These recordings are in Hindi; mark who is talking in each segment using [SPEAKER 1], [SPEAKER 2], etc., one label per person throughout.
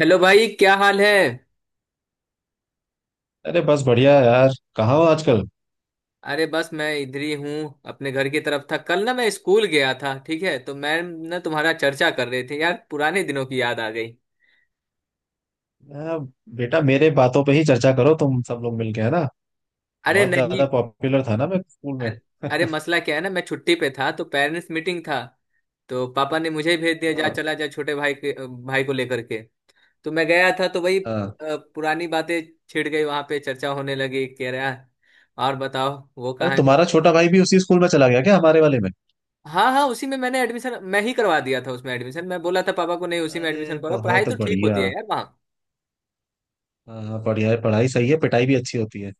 [SPEAKER 1] हेलो भाई, क्या हाल है?
[SPEAKER 2] अरे बस बढ़िया है यार। कहाँ हो आजकल।
[SPEAKER 1] अरे बस मैं इधर ही हूँ, अपने घर की तरफ था। कल ना मैं स्कूल गया था, ठीक है? तो मैम ना, तुम्हारा चर्चा कर रहे थे यार। पुराने दिनों की याद आ गई।
[SPEAKER 2] आ, बेटा मेरे बातों पे ही चर्चा करो तुम सब लोग मिलके, है ना।
[SPEAKER 1] अरे
[SPEAKER 2] बहुत
[SPEAKER 1] नहीं।
[SPEAKER 2] ज्यादा पॉपुलर था ना मैं स्कूल में।
[SPEAKER 1] अरे। अरे मसला क्या है ना, मैं छुट्टी पे था तो पेरेंट्स मीटिंग था। तो पापा ने मुझे ही भेज दिया, जा
[SPEAKER 2] हाँ,
[SPEAKER 1] चला जा छोटे भाई के, भाई को लेकर के। तो मैं गया था तो वही
[SPEAKER 2] हाँ।
[SPEAKER 1] पुरानी बातें छिड़ गई। वहां पे चर्चा होने लगी। कह रहा, और बताओ वो
[SPEAKER 2] अरे
[SPEAKER 1] कहाँ है।
[SPEAKER 2] तुम्हारा छोटा भाई भी उसी स्कूल में चला गया क्या, हमारे वाले में?
[SPEAKER 1] हाँ हाँ, उसी में मैंने एडमिशन मैं ही करवा दिया था उसमें। एडमिशन मैं बोला था पापा को, नहीं उसी में
[SPEAKER 2] अरे
[SPEAKER 1] एडमिशन करो, पढ़ाई
[SPEAKER 2] बहुत
[SPEAKER 1] तो ठीक
[SPEAKER 2] बढ़िया।
[SPEAKER 1] होती है यार वहाँ।
[SPEAKER 2] हाँ हाँ, बढ़िया है। पढ़ाई सही है, पिटाई भी अच्छी होती है।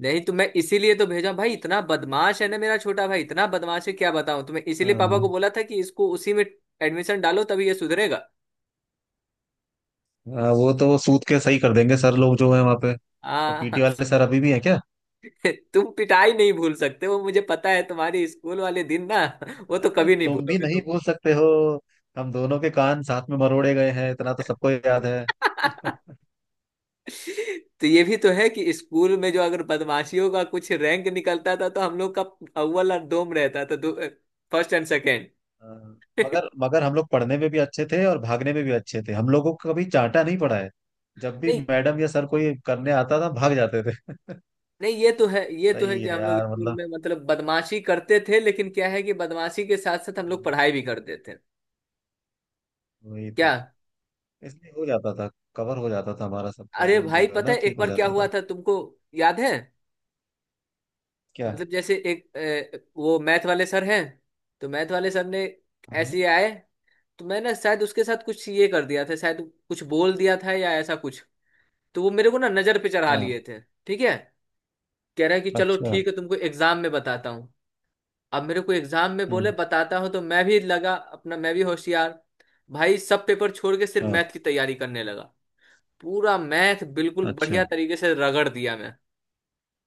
[SPEAKER 1] नहीं तो मैं इसीलिए तो भेजा भाई, इतना बदमाश है ना मेरा छोटा भाई, इतना बदमाश है क्या बताऊँ तुम्हें। इसीलिए पापा
[SPEAKER 2] हाँ,
[SPEAKER 1] को बोला था कि इसको उसी में एडमिशन डालो, तभी ये सुधरेगा।
[SPEAKER 2] हाँ वो तो सूत के सही कर देंगे सर लोग जो है वहाँ पे। तो पीटी
[SPEAKER 1] हाँ।
[SPEAKER 2] वाले सर अभी भी हैं क्या?
[SPEAKER 1] तुम पिटाई नहीं भूल सकते, वो मुझे पता है। तुम्हारी स्कूल वाले दिन ना, वो तो
[SPEAKER 2] अरे,
[SPEAKER 1] कभी नहीं
[SPEAKER 2] तुम भी
[SPEAKER 1] भूलोगे।
[SPEAKER 2] नहीं भूल सकते हो। हम दोनों के कान साथ में मरोड़े गए हैं, इतना तो सबको याद है।
[SPEAKER 1] तुम। तो ये भी तो है कि स्कूल में जो अगर बदमाशियों का कुछ रैंक निकलता था तो हम लोग का अव्वल और दोम रहता था। First and second.
[SPEAKER 2] हाँ, मगर मगर हम लोग पढ़ने में भी अच्छे थे और भागने में भी अच्छे थे। हम लोगों को कभी चांटा नहीं पड़ा है। जब भी
[SPEAKER 1] नहीं
[SPEAKER 2] मैडम या सर कोई करने आता था, भाग जाते थे।
[SPEAKER 1] नहीं, ये तो है, ये तो है
[SPEAKER 2] सही
[SPEAKER 1] कि
[SPEAKER 2] है
[SPEAKER 1] हम लोग
[SPEAKER 2] यार।
[SPEAKER 1] स्कूल
[SPEAKER 2] मतलब
[SPEAKER 1] में मतलब बदमाशी करते थे, लेकिन क्या है कि बदमाशी के साथ साथ हम लोग
[SPEAKER 2] हम्म,
[SPEAKER 1] पढ़ाई भी करते थे।
[SPEAKER 2] वही तो।
[SPEAKER 1] क्या।
[SPEAKER 2] इसलिए हो जाता था। कवर हो जाता था हमारा। सब
[SPEAKER 1] अरे
[SPEAKER 2] प्रॉब्लम जो
[SPEAKER 1] भाई
[SPEAKER 2] है
[SPEAKER 1] पता
[SPEAKER 2] ना,
[SPEAKER 1] है
[SPEAKER 2] ठीक
[SPEAKER 1] एक
[SPEAKER 2] हो
[SPEAKER 1] बार क्या
[SPEAKER 2] जाता
[SPEAKER 1] हुआ
[SPEAKER 2] था।
[SPEAKER 1] था तुमको, याद है?
[SPEAKER 2] क्या?
[SPEAKER 1] मतलब जैसे एक वो मैथ वाले सर हैं, तो मैथ वाले सर ने
[SPEAKER 2] हाँ,
[SPEAKER 1] ऐसे ही आए। तो मैं ना शायद उसके साथ कुछ ये कर दिया था शायद, कुछ बोल दिया था या ऐसा कुछ। तो वो मेरे को ना नजर पे चढ़ा
[SPEAKER 2] हाँ।
[SPEAKER 1] लिए थे। ठीक है, कह रहा है कि चलो
[SPEAKER 2] अच्छा।
[SPEAKER 1] ठीक है तुमको एग्जाम में बताता हूँ। अब मेरे को एग्जाम में बोले
[SPEAKER 2] हम्म।
[SPEAKER 1] बताता हूँ, तो मैं भी लगा अपना, मैं भी होशियार भाई। सब पेपर छोड़ के सिर्फ मैथ
[SPEAKER 2] हाँ।
[SPEAKER 1] की तैयारी करने लगा। पूरा मैथ बिल्कुल
[SPEAKER 2] अच्छा।
[SPEAKER 1] बढ़िया तरीके से रगड़ दिया मैं।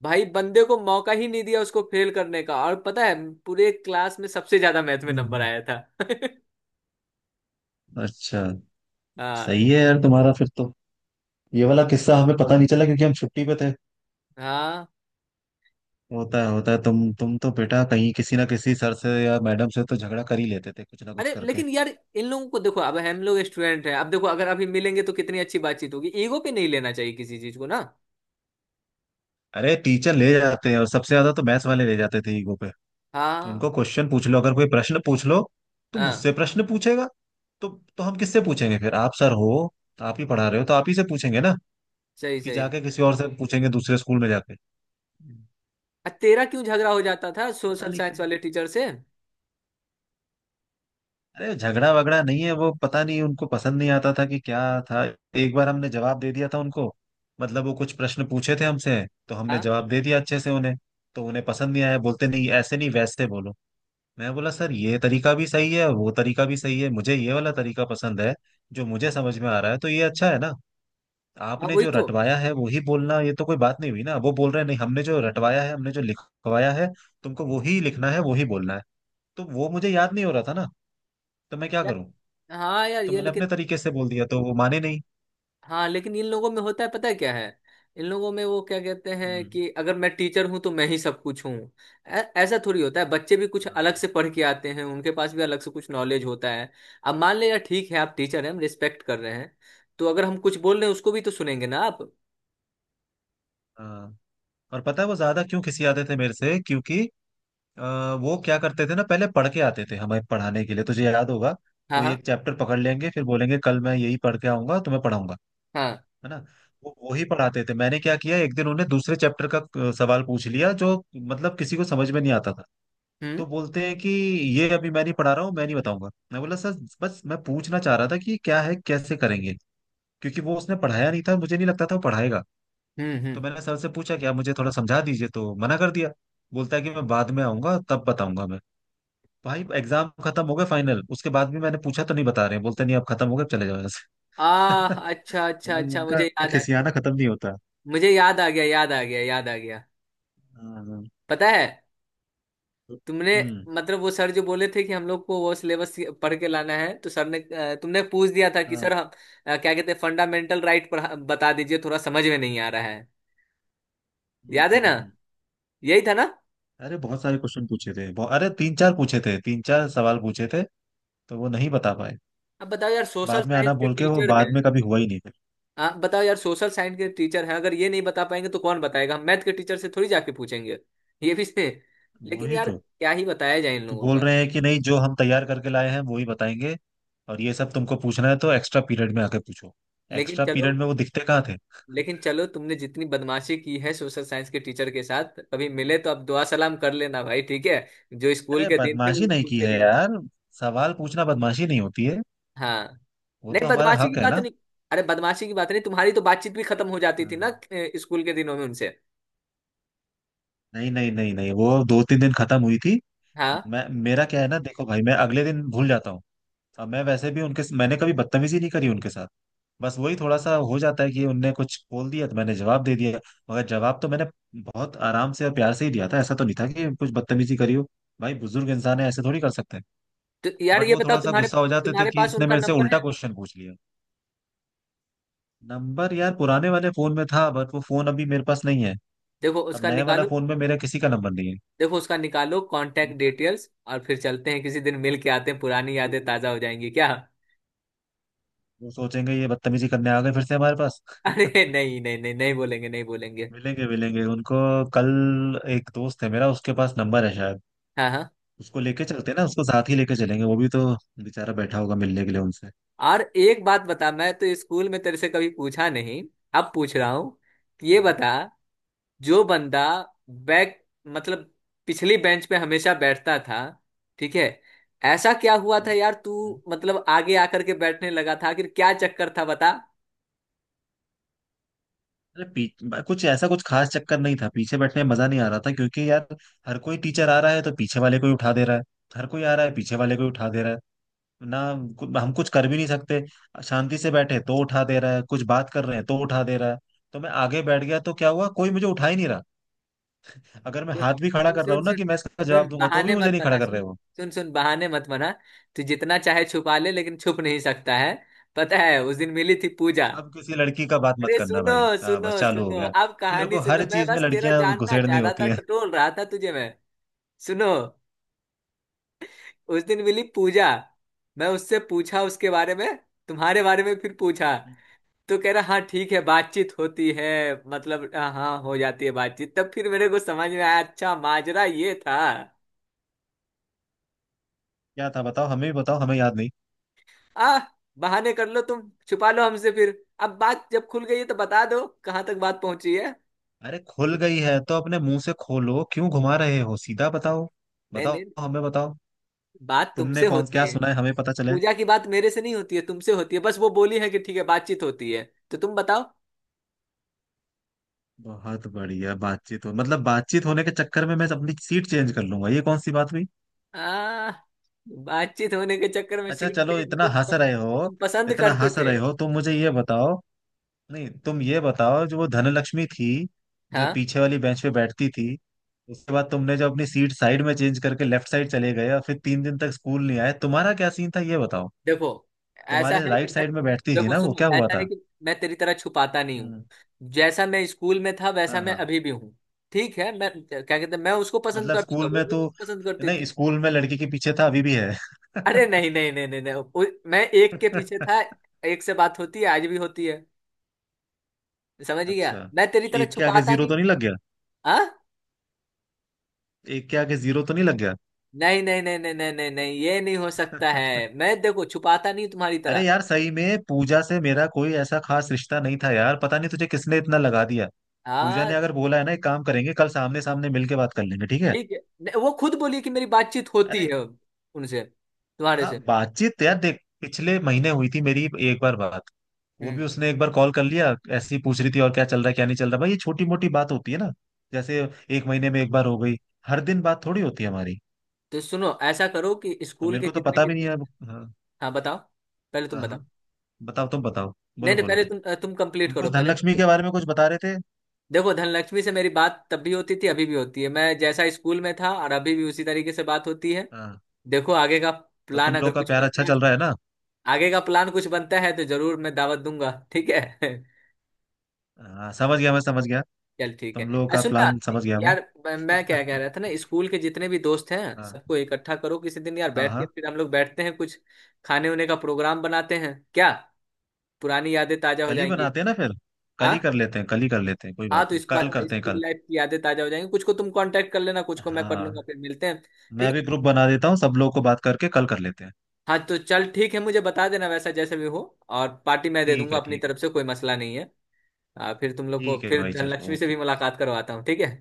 [SPEAKER 1] भाई, बंदे को मौका ही नहीं दिया उसको फेल करने का। और पता है, पूरे क्लास में सबसे ज्यादा मैथ में नंबर
[SPEAKER 2] हम्म।
[SPEAKER 1] आया था।
[SPEAKER 2] अच्छा।
[SPEAKER 1] हाँ।
[SPEAKER 2] सही है यार तुम्हारा फिर तो। ये वाला किस्सा हमें पता नहीं चला क्योंकि हम छुट्टी पे थे।
[SPEAKER 1] हाँ
[SPEAKER 2] होता है, होता है। तुम तो बेटा कहीं किसी ना किसी सर से या मैडम से तो झगड़ा कर ही लेते थे, कुछ ना कुछ
[SPEAKER 1] अरे
[SPEAKER 2] करके।
[SPEAKER 1] लेकिन यार, इन लोगों को देखो, अब हम लोग स्टूडेंट हैं। अब देखो अगर अभी मिलेंगे तो कितनी अच्छी बातचीत होगी। ईगो पे नहीं लेना चाहिए किसी चीज को ना।
[SPEAKER 2] अरे टीचर ले जाते हैं, और सबसे ज्यादा तो मैथ्स वाले ले जाते थे ईगो पे।
[SPEAKER 1] हाँ।
[SPEAKER 2] उनको क्वेश्चन पूछ लो, अगर कोई प्रश्न पूछ लो तो
[SPEAKER 1] हाँ
[SPEAKER 2] मुझसे प्रश्न पूछेगा? तो तो हम किससे पूछेंगे फिर? आप सर हो, आप ही पढ़ा रहे हो, तो आप ही से पूछेंगे ना।
[SPEAKER 1] सही
[SPEAKER 2] कि
[SPEAKER 1] सही।
[SPEAKER 2] जाके किसी और से पूछेंगे दूसरे स्कूल में जाके?
[SPEAKER 1] तेरा क्यों झगड़ा हो जाता था
[SPEAKER 2] पता
[SPEAKER 1] सोशल
[SPEAKER 2] नहीं
[SPEAKER 1] साइंस
[SPEAKER 2] क्यों।
[SPEAKER 1] वाले टीचर से?
[SPEAKER 2] अरे झगड़ा वगड़ा नहीं है वो, पता नहीं उनको पसंद नहीं आता था कि क्या था। एक बार हमने जवाब दे दिया था उनको। मतलब वो कुछ प्रश्न पूछे थे हमसे, तो हमने
[SPEAKER 1] हाँ।
[SPEAKER 2] जवाब दे दिया अच्छे से उन्हें। तो उन्हें पसंद नहीं आया। बोलते, नहीं ऐसे नहीं वैसे बोलो। मैं बोला, सर ये तरीका भी सही है, वो तरीका भी सही है। मुझे ये वाला तरीका पसंद है, जो मुझे समझ में आ रहा है, तो ये अच्छा है ना।
[SPEAKER 1] हाँ
[SPEAKER 2] आपने
[SPEAKER 1] वही
[SPEAKER 2] जो
[SPEAKER 1] तो।
[SPEAKER 2] रटवाया है वही बोलना, ये तो कोई बात नहीं हुई ना। वो बोल रहे हैं, नहीं हमने जो रटवाया है, हमने जो लिखवाया है तुमको वही लिखना है, वही बोलना है। तो वो मुझे याद नहीं हो रहा था ना, तो मैं क्या
[SPEAKER 1] यार,
[SPEAKER 2] करूं।
[SPEAKER 1] हाँ यार
[SPEAKER 2] तो
[SPEAKER 1] ये
[SPEAKER 2] मैंने अपने
[SPEAKER 1] लेकिन,
[SPEAKER 2] तरीके से बोल दिया, तो वो माने नहीं।
[SPEAKER 1] हाँ लेकिन इन लोगों में होता है, पता है क्या है। इन लोगों में वो क्या कहते हैं
[SPEAKER 2] हम्म।
[SPEAKER 1] कि अगर मैं टीचर हूँ तो मैं ही सब कुछ हूँ। ऐसा थोड़ी होता है, बच्चे भी कुछ अलग
[SPEAKER 2] हाँ।
[SPEAKER 1] से पढ़ के आते हैं, उनके पास भी अलग से कुछ नॉलेज होता है। अब मान लिया ठीक है आप टीचर हैं, हम रिस्पेक्ट कर रहे हैं। तो अगर हम कुछ बोल रहे हैं उसको भी तो सुनेंगे ना आप।
[SPEAKER 2] हाँ। और पता है वो ज्यादा क्यों खिसियाते थे मेरे से? क्योंकि अ, वो क्या करते थे ना, पहले पढ़ के आते थे हमें पढ़ाने के लिए, तुझे याद होगा।
[SPEAKER 1] हाँ।
[SPEAKER 2] कोई
[SPEAKER 1] हाँ
[SPEAKER 2] एक चैप्टर पकड़ लेंगे, फिर बोलेंगे कल मैं यही पढ़ के आऊंगा तुम्हें पढ़ाऊंगा,
[SPEAKER 1] हाँ।
[SPEAKER 2] है ना। वो ही पढ़ाते थे। मैंने क्या किया, एक दिन उन्हें दूसरे चैप्टर का सवाल पूछ लिया, जो मतलब किसी को समझ में नहीं आता था।
[SPEAKER 1] हम्म
[SPEAKER 2] तो बोलते हैं कि ये अभी मैं नहीं पढ़ा रहा हूँ, मैं नहीं बताऊंगा। मैं बोला सर बस मैं पूछना चाह रहा था कि क्या है, कैसे करेंगे, क्योंकि वो उसने पढ़ाया नहीं था। मुझे नहीं लगता था वो पढ़ाएगा। तो
[SPEAKER 1] हम्म।
[SPEAKER 2] मैंने सर से पूछा कि आप मुझे थोड़ा समझा दीजिए, तो मना कर दिया। बोलता है कि मैं बाद में आऊंगा तब बताऊंगा मैं। भाई एग्जाम खत्म हो गए फाइनल, उसके बाद भी मैंने पूछा तो नहीं बता रहे हैं। बोलते, नहीं अब खत्म हो गए, अब चले जाओ यहाँ से।
[SPEAKER 1] आ अच्छा अच्छा
[SPEAKER 2] मतलब
[SPEAKER 1] अच्छा,
[SPEAKER 2] उनका
[SPEAKER 1] मुझे याद आ।
[SPEAKER 2] खिसियाना खत्म नहीं होता।
[SPEAKER 1] मुझे याद आ गया, याद आ गया, याद आ गया।
[SPEAKER 2] हाँ, हाँ।
[SPEAKER 1] पता है
[SPEAKER 2] तो-
[SPEAKER 1] तुमने,
[SPEAKER 2] हम्म।
[SPEAKER 1] मतलब वो सर जो बोले थे कि हम लोग को वो सिलेबस पढ़ के लाना है, तो सर ने तुमने पूछ दिया था कि
[SPEAKER 2] हाँ।
[SPEAKER 1] सर हम क्या कहते हैं फंडामेंटल राइट पढ़ा, बता दीजिए थोड़ा समझ में नहीं आ रहा है।
[SPEAKER 2] हम्म।
[SPEAKER 1] याद है ना, यही था ना?
[SPEAKER 2] अरे बहुत सारे क्वेश्चन पूछे थे, बहु- अरे तीन चार पूछे थे, तीन चार सवाल पूछे थे, तो वो नहीं बता पाए।
[SPEAKER 1] अब बताओ यार, सोशल
[SPEAKER 2] बाद में आना
[SPEAKER 1] साइंस के
[SPEAKER 2] बोल के, वो
[SPEAKER 1] टीचर
[SPEAKER 2] बाद
[SPEAKER 1] हैं।
[SPEAKER 2] में कभी हुआ ही नहीं फिर।
[SPEAKER 1] आप बताओ यार, सोशल साइंस के टीचर हैं, अगर ये नहीं बता पाएंगे तो कौन बताएगा? हम मैथ के टीचर से थोड़ी जाके पूछेंगे। ये भी से। लेकिन
[SPEAKER 2] वही
[SPEAKER 1] यार
[SPEAKER 2] तो।
[SPEAKER 1] क्या ही बताया जाए इन
[SPEAKER 2] तो
[SPEAKER 1] लोगों
[SPEAKER 2] बोल
[SPEAKER 1] का।
[SPEAKER 2] रहे हैं कि नहीं, जो हम तैयार करके लाए हैं वो ही बताएंगे। और ये सब तुमको पूछना है तो एक्स्ट्रा पीरियड में आके पूछो।
[SPEAKER 1] लेकिन
[SPEAKER 2] एक्स्ट्रा
[SPEAKER 1] चलो,
[SPEAKER 2] पीरियड में वो दिखते कहाँ थे।
[SPEAKER 1] लेकिन चलो तुमने जितनी बदमाशी की है सोशल साइंस के टीचर के साथ, कभी मिले तो आप दुआ सलाम कर लेना भाई, ठीक है? जो स्कूल
[SPEAKER 2] अरे
[SPEAKER 1] के दिन थे
[SPEAKER 2] बदमाशी
[SPEAKER 1] वो
[SPEAKER 2] नहीं
[SPEAKER 1] स्कूल
[SPEAKER 2] की
[SPEAKER 1] के
[SPEAKER 2] है
[SPEAKER 1] दिन थे।
[SPEAKER 2] यार, सवाल पूछना बदमाशी नहीं होती है।
[SPEAKER 1] हाँ।
[SPEAKER 2] वो तो
[SPEAKER 1] नहीं
[SPEAKER 2] हमारा
[SPEAKER 1] बदमाशी की
[SPEAKER 2] हक है
[SPEAKER 1] बात
[SPEAKER 2] ना।
[SPEAKER 1] नहीं, अरे बदमाशी की बात नहीं। तुम्हारी तो बातचीत भी खत्म हो जाती थी ना
[SPEAKER 2] हम्म।
[SPEAKER 1] स्कूल के दिनों में उनसे।
[SPEAKER 2] नहीं नहीं नहीं नहीं, वो दो तीन दिन खत्म हुई थी।
[SPEAKER 1] हाँ
[SPEAKER 2] मैं, मेरा क्या है ना, देखो भाई मैं अगले दिन भूल जाता हूँ। अब मैं वैसे भी उनके, मैंने कभी बदतमीजी नहीं करी उनके साथ। बस वही थोड़ा सा हो जाता है कि उनने कुछ बोल दिया तो मैंने जवाब दे दिया। मगर जवाब तो मैंने बहुत आराम से और प्यार से ही दिया था, ऐसा तो नहीं था कि कुछ बदतमीजी करी हो। भाई बुजुर्ग इंसान है, ऐसे थोड़ी कर सकते हैं।
[SPEAKER 1] तो यार
[SPEAKER 2] बट
[SPEAKER 1] ये
[SPEAKER 2] वो
[SPEAKER 1] बताओ,
[SPEAKER 2] थोड़ा सा
[SPEAKER 1] तुम्हारे
[SPEAKER 2] गुस्सा हो जाते थे
[SPEAKER 1] तुम्हारे
[SPEAKER 2] कि
[SPEAKER 1] पास
[SPEAKER 2] इसने
[SPEAKER 1] उनका
[SPEAKER 2] मेरे से
[SPEAKER 1] नंबर
[SPEAKER 2] उल्टा
[SPEAKER 1] है?
[SPEAKER 2] क्वेश्चन पूछ लिया। नंबर यार पुराने वाले फोन में था, बट वो फोन अभी मेरे पास नहीं है।
[SPEAKER 1] देखो
[SPEAKER 2] अब
[SPEAKER 1] उसका
[SPEAKER 2] नए वाला
[SPEAKER 1] निकालो।
[SPEAKER 2] फोन में मेरा किसी का नंबर नहीं है।
[SPEAKER 1] देखो उसका निकालो कांटेक्ट
[SPEAKER 2] हम्म,
[SPEAKER 1] डिटेल्स, और फिर चलते हैं किसी दिन, मिल के आते हैं, पुरानी यादें ताजा हो जाएंगी क्या।
[SPEAKER 2] वो सोचेंगे ये बदतमीजी करने आ गए फिर से हमारे पास।
[SPEAKER 1] अरे नहीं नहीं नहीं नहीं, बोलेंगे नहीं बोलेंगे।
[SPEAKER 2] मिलेंगे मिलेंगे उनको कल। एक दोस्त है मेरा उसके पास नंबर है शायद।
[SPEAKER 1] हाँ हाँ।
[SPEAKER 2] उसको लेके चलते हैं ना, उसको साथ ही लेके चलेंगे। वो भी तो बेचारा बैठा होगा मिलने के लिए उनसे।
[SPEAKER 1] और एक बात बता, मैं तो स्कूल में तेरे से कभी पूछा नहीं, अब पूछ रहा हूँ। ये
[SPEAKER 2] हम्म।
[SPEAKER 1] बता, जो बंदा बैक, मतलब पिछली बेंच पे हमेशा बैठता था, ठीक है? ऐसा क्या हुआ था
[SPEAKER 2] हम्म,
[SPEAKER 1] यार
[SPEAKER 2] हम्म।
[SPEAKER 1] तू मतलब आगे आकर के बैठने लगा था? आखिर क्या चक्कर था बता।
[SPEAKER 2] अरे पीछ- बा- कुछ ऐसा कुछ खास चक्कर नहीं था। पीछे बैठने में मजा नहीं आ रहा था क्योंकि यार हर कोई टीचर आ रहा है तो पीछे वाले को ही उठा दे रहा है। हर कोई आ रहा है पीछे वाले को ही उठा दे रहा है ना। कु- हम कुछ कर भी नहीं सकते। शांति से बैठे तो उठा दे रहा है, कुछ बात कर रहे हैं तो उठा दे रहा है। तो मैं आगे बैठ गया तो क्या हुआ, कोई मुझे उठा ही नहीं रहा। अगर मैं
[SPEAKER 1] सुन
[SPEAKER 2] हाथ भी खड़ा
[SPEAKER 1] सुन
[SPEAKER 2] कर रहा
[SPEAKER 1] सुन
[SPEAKER 2] हूँ ना
[SPEAKER 1] सुन
[SPEAKER 2] कि मैं इसका जवाब
[SPEAKER 1] सुन,
[SPEAKER 2] दूंगा, तो भी
[SPEAKER 1] बहाने
[SPEAKER 2] मुझे
[SPEAKER 1] मत
[SPEAKER 2] नहीं खड़ा
[SPEAKER 1] बना।
[SPEAKER 2] कर रहे
[SPEAKER 1] सुन
[SPEAKER 2] वो।
[SPEAKER 1] सुन सुन, बहाने मत बना। तू जितना चाहे छुपा ले, लेकिन छुप नहीं सकता है। पता है उस दिन मिली थी पूजा।
[SPEAKER 2] अब किसी लड़की का बात मत
[SPEAKER 1] अरे
[SPEAKER 2] करना
[SPEAKER 1] सुनो,
[SPEAKER 2] भाई, हाँ
[SPEAKER 1] सुनो
[SPEAKER 2] बस चालू हो
[SPEAKER 1] सुनो
[SPEAKER 2] गया।
[SPEAKER 1] अब
[SPEAKER 2] तेरे को
[SPEAKER 1] कहानी
[SPEAKER 2] हर
[SPEAKER 1] सुनो, मैं
[SPEAKER 2] चीज में
[SPEAKER 1] बस तेरा
[SPEAKER 2] लड़कियां
[SPEAKER 1] जानना
[SPEAKER 2] घुसेड़नी
[SPEAKER 1] चाह रहा
[SPEAKER 2] होती
[SPEAKER 1] था,
[SPEAKER 2] हैं।
[SPEAKER 1] टटोल रहा था तुझे मैं। सुनो, उस दिन मिली पूजा, मैं उससे पूछा उसके बारे में, तुम्हारे बारे में फिर पूछा। तो कह रहा हाँ ठीक है, बातचीत होती है। मतलब हाँ हाँ, हो जाती है बातचीत। तब फिर मेरे को समझ में आया, अच्छा माजरा ये था।
[SPEAKER 2] क्या था बताओ, हमें भी बताओ, हमें याद नहीं।
[SPEAKER 1] आ, बहाने कर लो, तुम छुपा लो हमसे फिर। अब बात जब खुल गई है तो बता दो कहाँ तक बात पहुंची है।
[SPEAKER 2] अरे खुल गई है तो अपने मुंह से खोलो, क्यों घुमा रहे हो, सीधा बताओ।
[SPEAKER 1] नहीं
[SPEAKER 2] बताओ,
[SPEAKER 1] नहीं,
[SPEAKER 2] हमें बताओ।
[SPEAKER 1] बात
[SPEAKER 2] तुमने
[SPEAKER 1] तुमसे
[SPEAKER 2] कौन क्या
[SPEAKER 1] होती।
[SPEAKER 2] सुना है, हमें पता चले।
[SPEAKER 1] पूजा की बात मेरे से नहीं होती है, तुमसे होती है। बस वो बोली है कि ठीक है बातचीत होती है। तो तुम बताओ।
[SPEAKER 2] बहुत बढ़िया बातचीत हो, मतलब बातचीत होने के चक्कर में मैं अपनी सीट चेंज कर लूंगा, ये कौन सी बात हुई।
[SPEAKER 1] आ, बातचीत होने के चक्कर में
[SPEAKER 2] अच्छा
[SPEAKER 1] सीट
[SPEAKER 2] चलो,
[SPEAKER 1] चेंज?
[SPEAKER 2] इतना हंस रहे हो,
[SPEAKER 1] तुम पसंद
[SPEAKER 2] इतना
[SPEAKER 1] करते
[SPEAKER 2] हंस
[SPEAKER 1] थे।
[SPEAKER 2] रहे हो तो मुझे ये बताओ। नहीं तुम ये बताओ, जो वो धनलक्ष्मी थी जो
[SPEAKER 1] हाँ।
[SPEAKER 2] पीछे वाली बेंच पे बैठती थी, उसके बाद तुमने जो अपनी सीट साइड में चेंज करके लेफ्ट साइड चले गए और फिर तीन दिन तक स्कूल नहीं आए, तुम्हारा क्या सीन था, ये बताओ।
[SPEAKER 1] देखो ऐसा
[SPEAKER 2] तुम्हारे
[SPEAKER 1] है कि
[SPEAKER 2] राइट
[SPEAKER 1] मैं,
[SPEAKER 2] साइड में बैठती थी
[SPEAKER 1] देखो
[SPEAKER 2] ना वो,
[SPEAKER 1] सुनो
[SPEAKER 2] क्या हुआ
[SPEAKER 1] ऐसा है
[SPEAKER 2] था।
[SPEAKER 1] कि मैं तेरी तरह छुपाता नहीं हूँ।
[SPEAKER 2] हम्म।
[SPEAKER 1] जैसा मैं स्कूल में था
[SPEAKER 2] हाँ,
[SPEAKER 1] वैसा मैं
[SPEAKER 2] हाँ।
[SPEAKER 1] अभी भी हूँ, ठीक है? मैं क्या कहते हैं, मैं उसको पसंद
[SPEAKER 2] मतलब
[SPEAKER 1] करता था,
[SPEAKER 2] स्कूल
[SPEAKER 1] वो
[SPEAKER 2] में
[SPEAKER 1] भी मुझे
[SPEAKER 2] तो।
[SPEAKER 1] पसंद करती
[SPEAKER 2] नहीं
[SPEAKER 1] थी।
[SPEAKER 2] स्कूल में लड़की के पीछे था, अभी भी है।
[SPEAKER 1] अरे नहीं नहीं नहीं नहीं नहीं, मैं एक के पीछे था। एक से बात होती है, आज भी होती है। समझ गया,
[SPEAKER 2] अच्छा।
[SPEAKER 1] मैं तेरी तरह
[SPEAKER 2] एक के आगे
[SPEAKER 1] छुपाता
[SPEAKER 2] जीरो
[SPEAKER 1] नहीं।
[SPEAKER 2] तो नहीं लग गया।
[SPEAKER 1] आ?
[SPEAKER 2] एक के आगे जीरो तो नहीं लग
[SPEAKER 1] नहीं नहीं नहीं नहीं नहीं नहीं नहीं, ये नहीं हो सकता है।
[SPEAKER 2] गया।
[SPEAKER 1] मैं देखो छुपाता नहीं तुम्हारी
[SPEAKER 2] अरे
[SPEAKER 1] तरह।
[SPEAKER 2] यार सही में पूजा से मेरा कोई ऐसा खास रिश्ता नहीं था यार, पता नहीं तुझे किसने इतना लगा दिया। पूजा
[SPEAKER 1] हाँ
[SPEAKER 2] ने अगर बोला है ना, एक काम करेंगे कल सामने सामने मिलके बात कर लेंगे, ठीक है।
[SPEAKER 1] ठीक है। नहीं, वो खुद बोली कि मेरी बातचीत होती
[SPEAKER 2] अरे।
[SPEAKER 1] है उनसे, तुम्हारे
[SPEAKER 2] हाँ
[SPEAKER 1] से।
[SPEAKER 2] बातचीत तो यार देख पिछले महीने हुई थी मेरी एक बार बात। वो
[SPEAKER 1] हम्म।
[SPEAKER 2] भी उसने एक बार कॉल कर लिया, ऐसे ही पूछ रही थी और क्या चल रहा है, क्या नहीं चल रहा। भाई ये छोटी मोटी बात होती है ना। जैसे एक महीने में एक बार हो गई, हर दिन बात थोड़ी होती है हमारी।
[SPEAKER 1] तो सुनो, ऐसा करो कि
[SPEAKER 2] और
[SPEAKER 1] स्कूल
[SPEAKER 2] मेरे
[SPEAKER 1] के
[SPEAKER 2] को तो
[SPEAKER 1] जितने
[SPEAKER 2] पता
[SPEAKER 1] भी
[SPEAKER 2] भी नहीं है
[SPEAKER 1] दोस्त।
[SPEAKER 2] अब- हाँ।
[SPEAKER 1] हाँ बताओ, पहले तुम
[SPEAKER 2] हाँ,
[SPEAKER 1] बताओ।
[SPEAKER 2] हाँ बताओ, तुम बताओ,
[SPEAKER 1] नहीं
[SPEAKER 2] बोलो
[SPEAKER 1] नहीं,
[SPEAKER 2] बोलो।
[SPEAKER 1] पहले तुम,
[SPEAKER 2] तुम
[SPEAKER 1] कंप्लीट करो
[SPEAKER 2] कुछ
[SPEAKER 1] पहले।
[SPEAKER 2] धनलक्ष्मी के बारे में कुछ बता रहे थे।
[SPEAKER 1] देखो धनलक्ष्मी से मेरी बात तब भी होती थी, अभी भी होती है। मैं जैसा स्कूल में था और अभी भी उसी तरीके से बात होती है।
[SPEAKER 2] हाँ।
[SPEAKER 1] देखो आगे का
[SPEAKER 2] तो
[SPEAKER 1] प्लान
[SPEAKER 2] तुम
[SPEAKER 1] अगर
[SPEAKER 2] लोग का
[SPEAKER 1] कुछ
[SPEAKER 2] प्यार अच्छा
[SPEAKER 1] बनता है,
[SPEAKER 2] चल रहा है ना।
[SPEAKER 1] आगे का प्लान कुछ बनता है तो जरूर मैं दावत दूंगा, ठीक है?
[SPEAKER 2] हाँ, समझ गया मैं, समझ गया।
[SPEAKER 1] चल ठीक है,
[SPEAKER 2] तुम लोगों
[SPEAKER 1] अरे
[SPEAKER 2] का
[SPEAKER 1] सुन ना
[SPEAKER 2] प्लान समझ गया मैं।
[SPEAKER 1] यार। मैं क्या कह रहा था ना, स्कूल के जितने भी दोस्त हैं
[SPEAKER 2] हाँ।
[SPEAKER 1] सबको इकट्ठा करो किसी दिन यार।
[SPEAKER 2] हाँ,
[SPEAKER 1] बैठ के
[SPEAKER 2] हाँ।
[SPEAKER 1] फिर हम लोग बैठते हैं, कुछ खाने उने का प्रोग्राम बनाते हैं क्या? पुरानी यादें ताजा हो
[SPEAKER 2] कल ही
[SPEAKER 1] जाएंगी।
[SPEAKER 2] बनाते हैं ना फिर, कल
[SPEAKER 1] हाँ।
[SPEAKER 2] ही कर लेते हैं, कल ही कर लेते हैं, कोई
[SPEAKER 1] हाँ
[SPEAKER 2] बात
[SPEAKER 1] तो
[SPEAKER 2] नहीं, कल
[SPEAKER 1] स्कूल,
[SPEAKER 2] करते हैं
[SPEAKER 1] स्कूल
[SPEAKER 2] कल।
[SPEAKER 1] लाइफ की यादें ताजा हो जाएंगी। कुछ को तुम कांटेक्ट कर लेना, कुछ को मैं कर
[SPEAKER 2] हाँ
[SPEAKER 1] लूंगा, फिर मिलते हैं,
[SPEAKER 2] मैं
[SPEAKER 1] ठीक
[SPEAKER 2] भी
[SPEAKER 1] है?
[SPEAKER 2] ग्रुप बना देता हूँ, सब लोग को बात करके कल कर लेते हैं।
[SPEAKER 1] हाँ तो चल ठीक है, मुझे बता देना वैसा जैसे भी हो। और पार्टी मैं दे
[SPEAKER 2] ठीक
[SPEAKER 1] दूंगा
[SPEAKER 2] है,
[SPEAKER 1] अपनी
[SPEAKER 2] ठीक है।
[SPEAKER 1] तरफ से, कोई मसला नहीं है। हाँ, फिर तुम लोग को
[SPEAKER 2] ठीक है
[SPEAKER 1] फिर
[SPEAKER 2] भाई चलो,
[SPEAKER 1] धनलक्ष्मी से
[SPEAKER 2] ओके।
[SPEAKER 1] भी मुलाकात करवाता हूँ, ठीक है?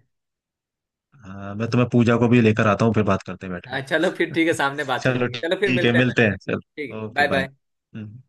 [SPEAKER 2] हाँ मैं तुम्हें पूजा को भी लेकर आता हूँ, फिर बात करते हैं बैठ
[SPEAKER 1] हाँ चलो फिर ठीक है,
[SPEAKER 2] के।
[SPEAKER 1] सामने बात हो
[SPEAKER 2] चलो
[SPEAKER 1] जाएगी। चलो फिर
[SPEAKER 2] ठीक है,
[SPEAKER 1] मिलते हैं।
[SPEAKER 2] मिलते हैं,
[SPEAKER 1] ठीक
[SPEAKER 2] चलो
[SPEAKER 1] है,
[SPEAKER 2] ओके
[SPEAKER 1] बाय
[SPEAKER 2] बाय।
[SPEAKER 1] बाय।
[SPEAKER 2] हम्म।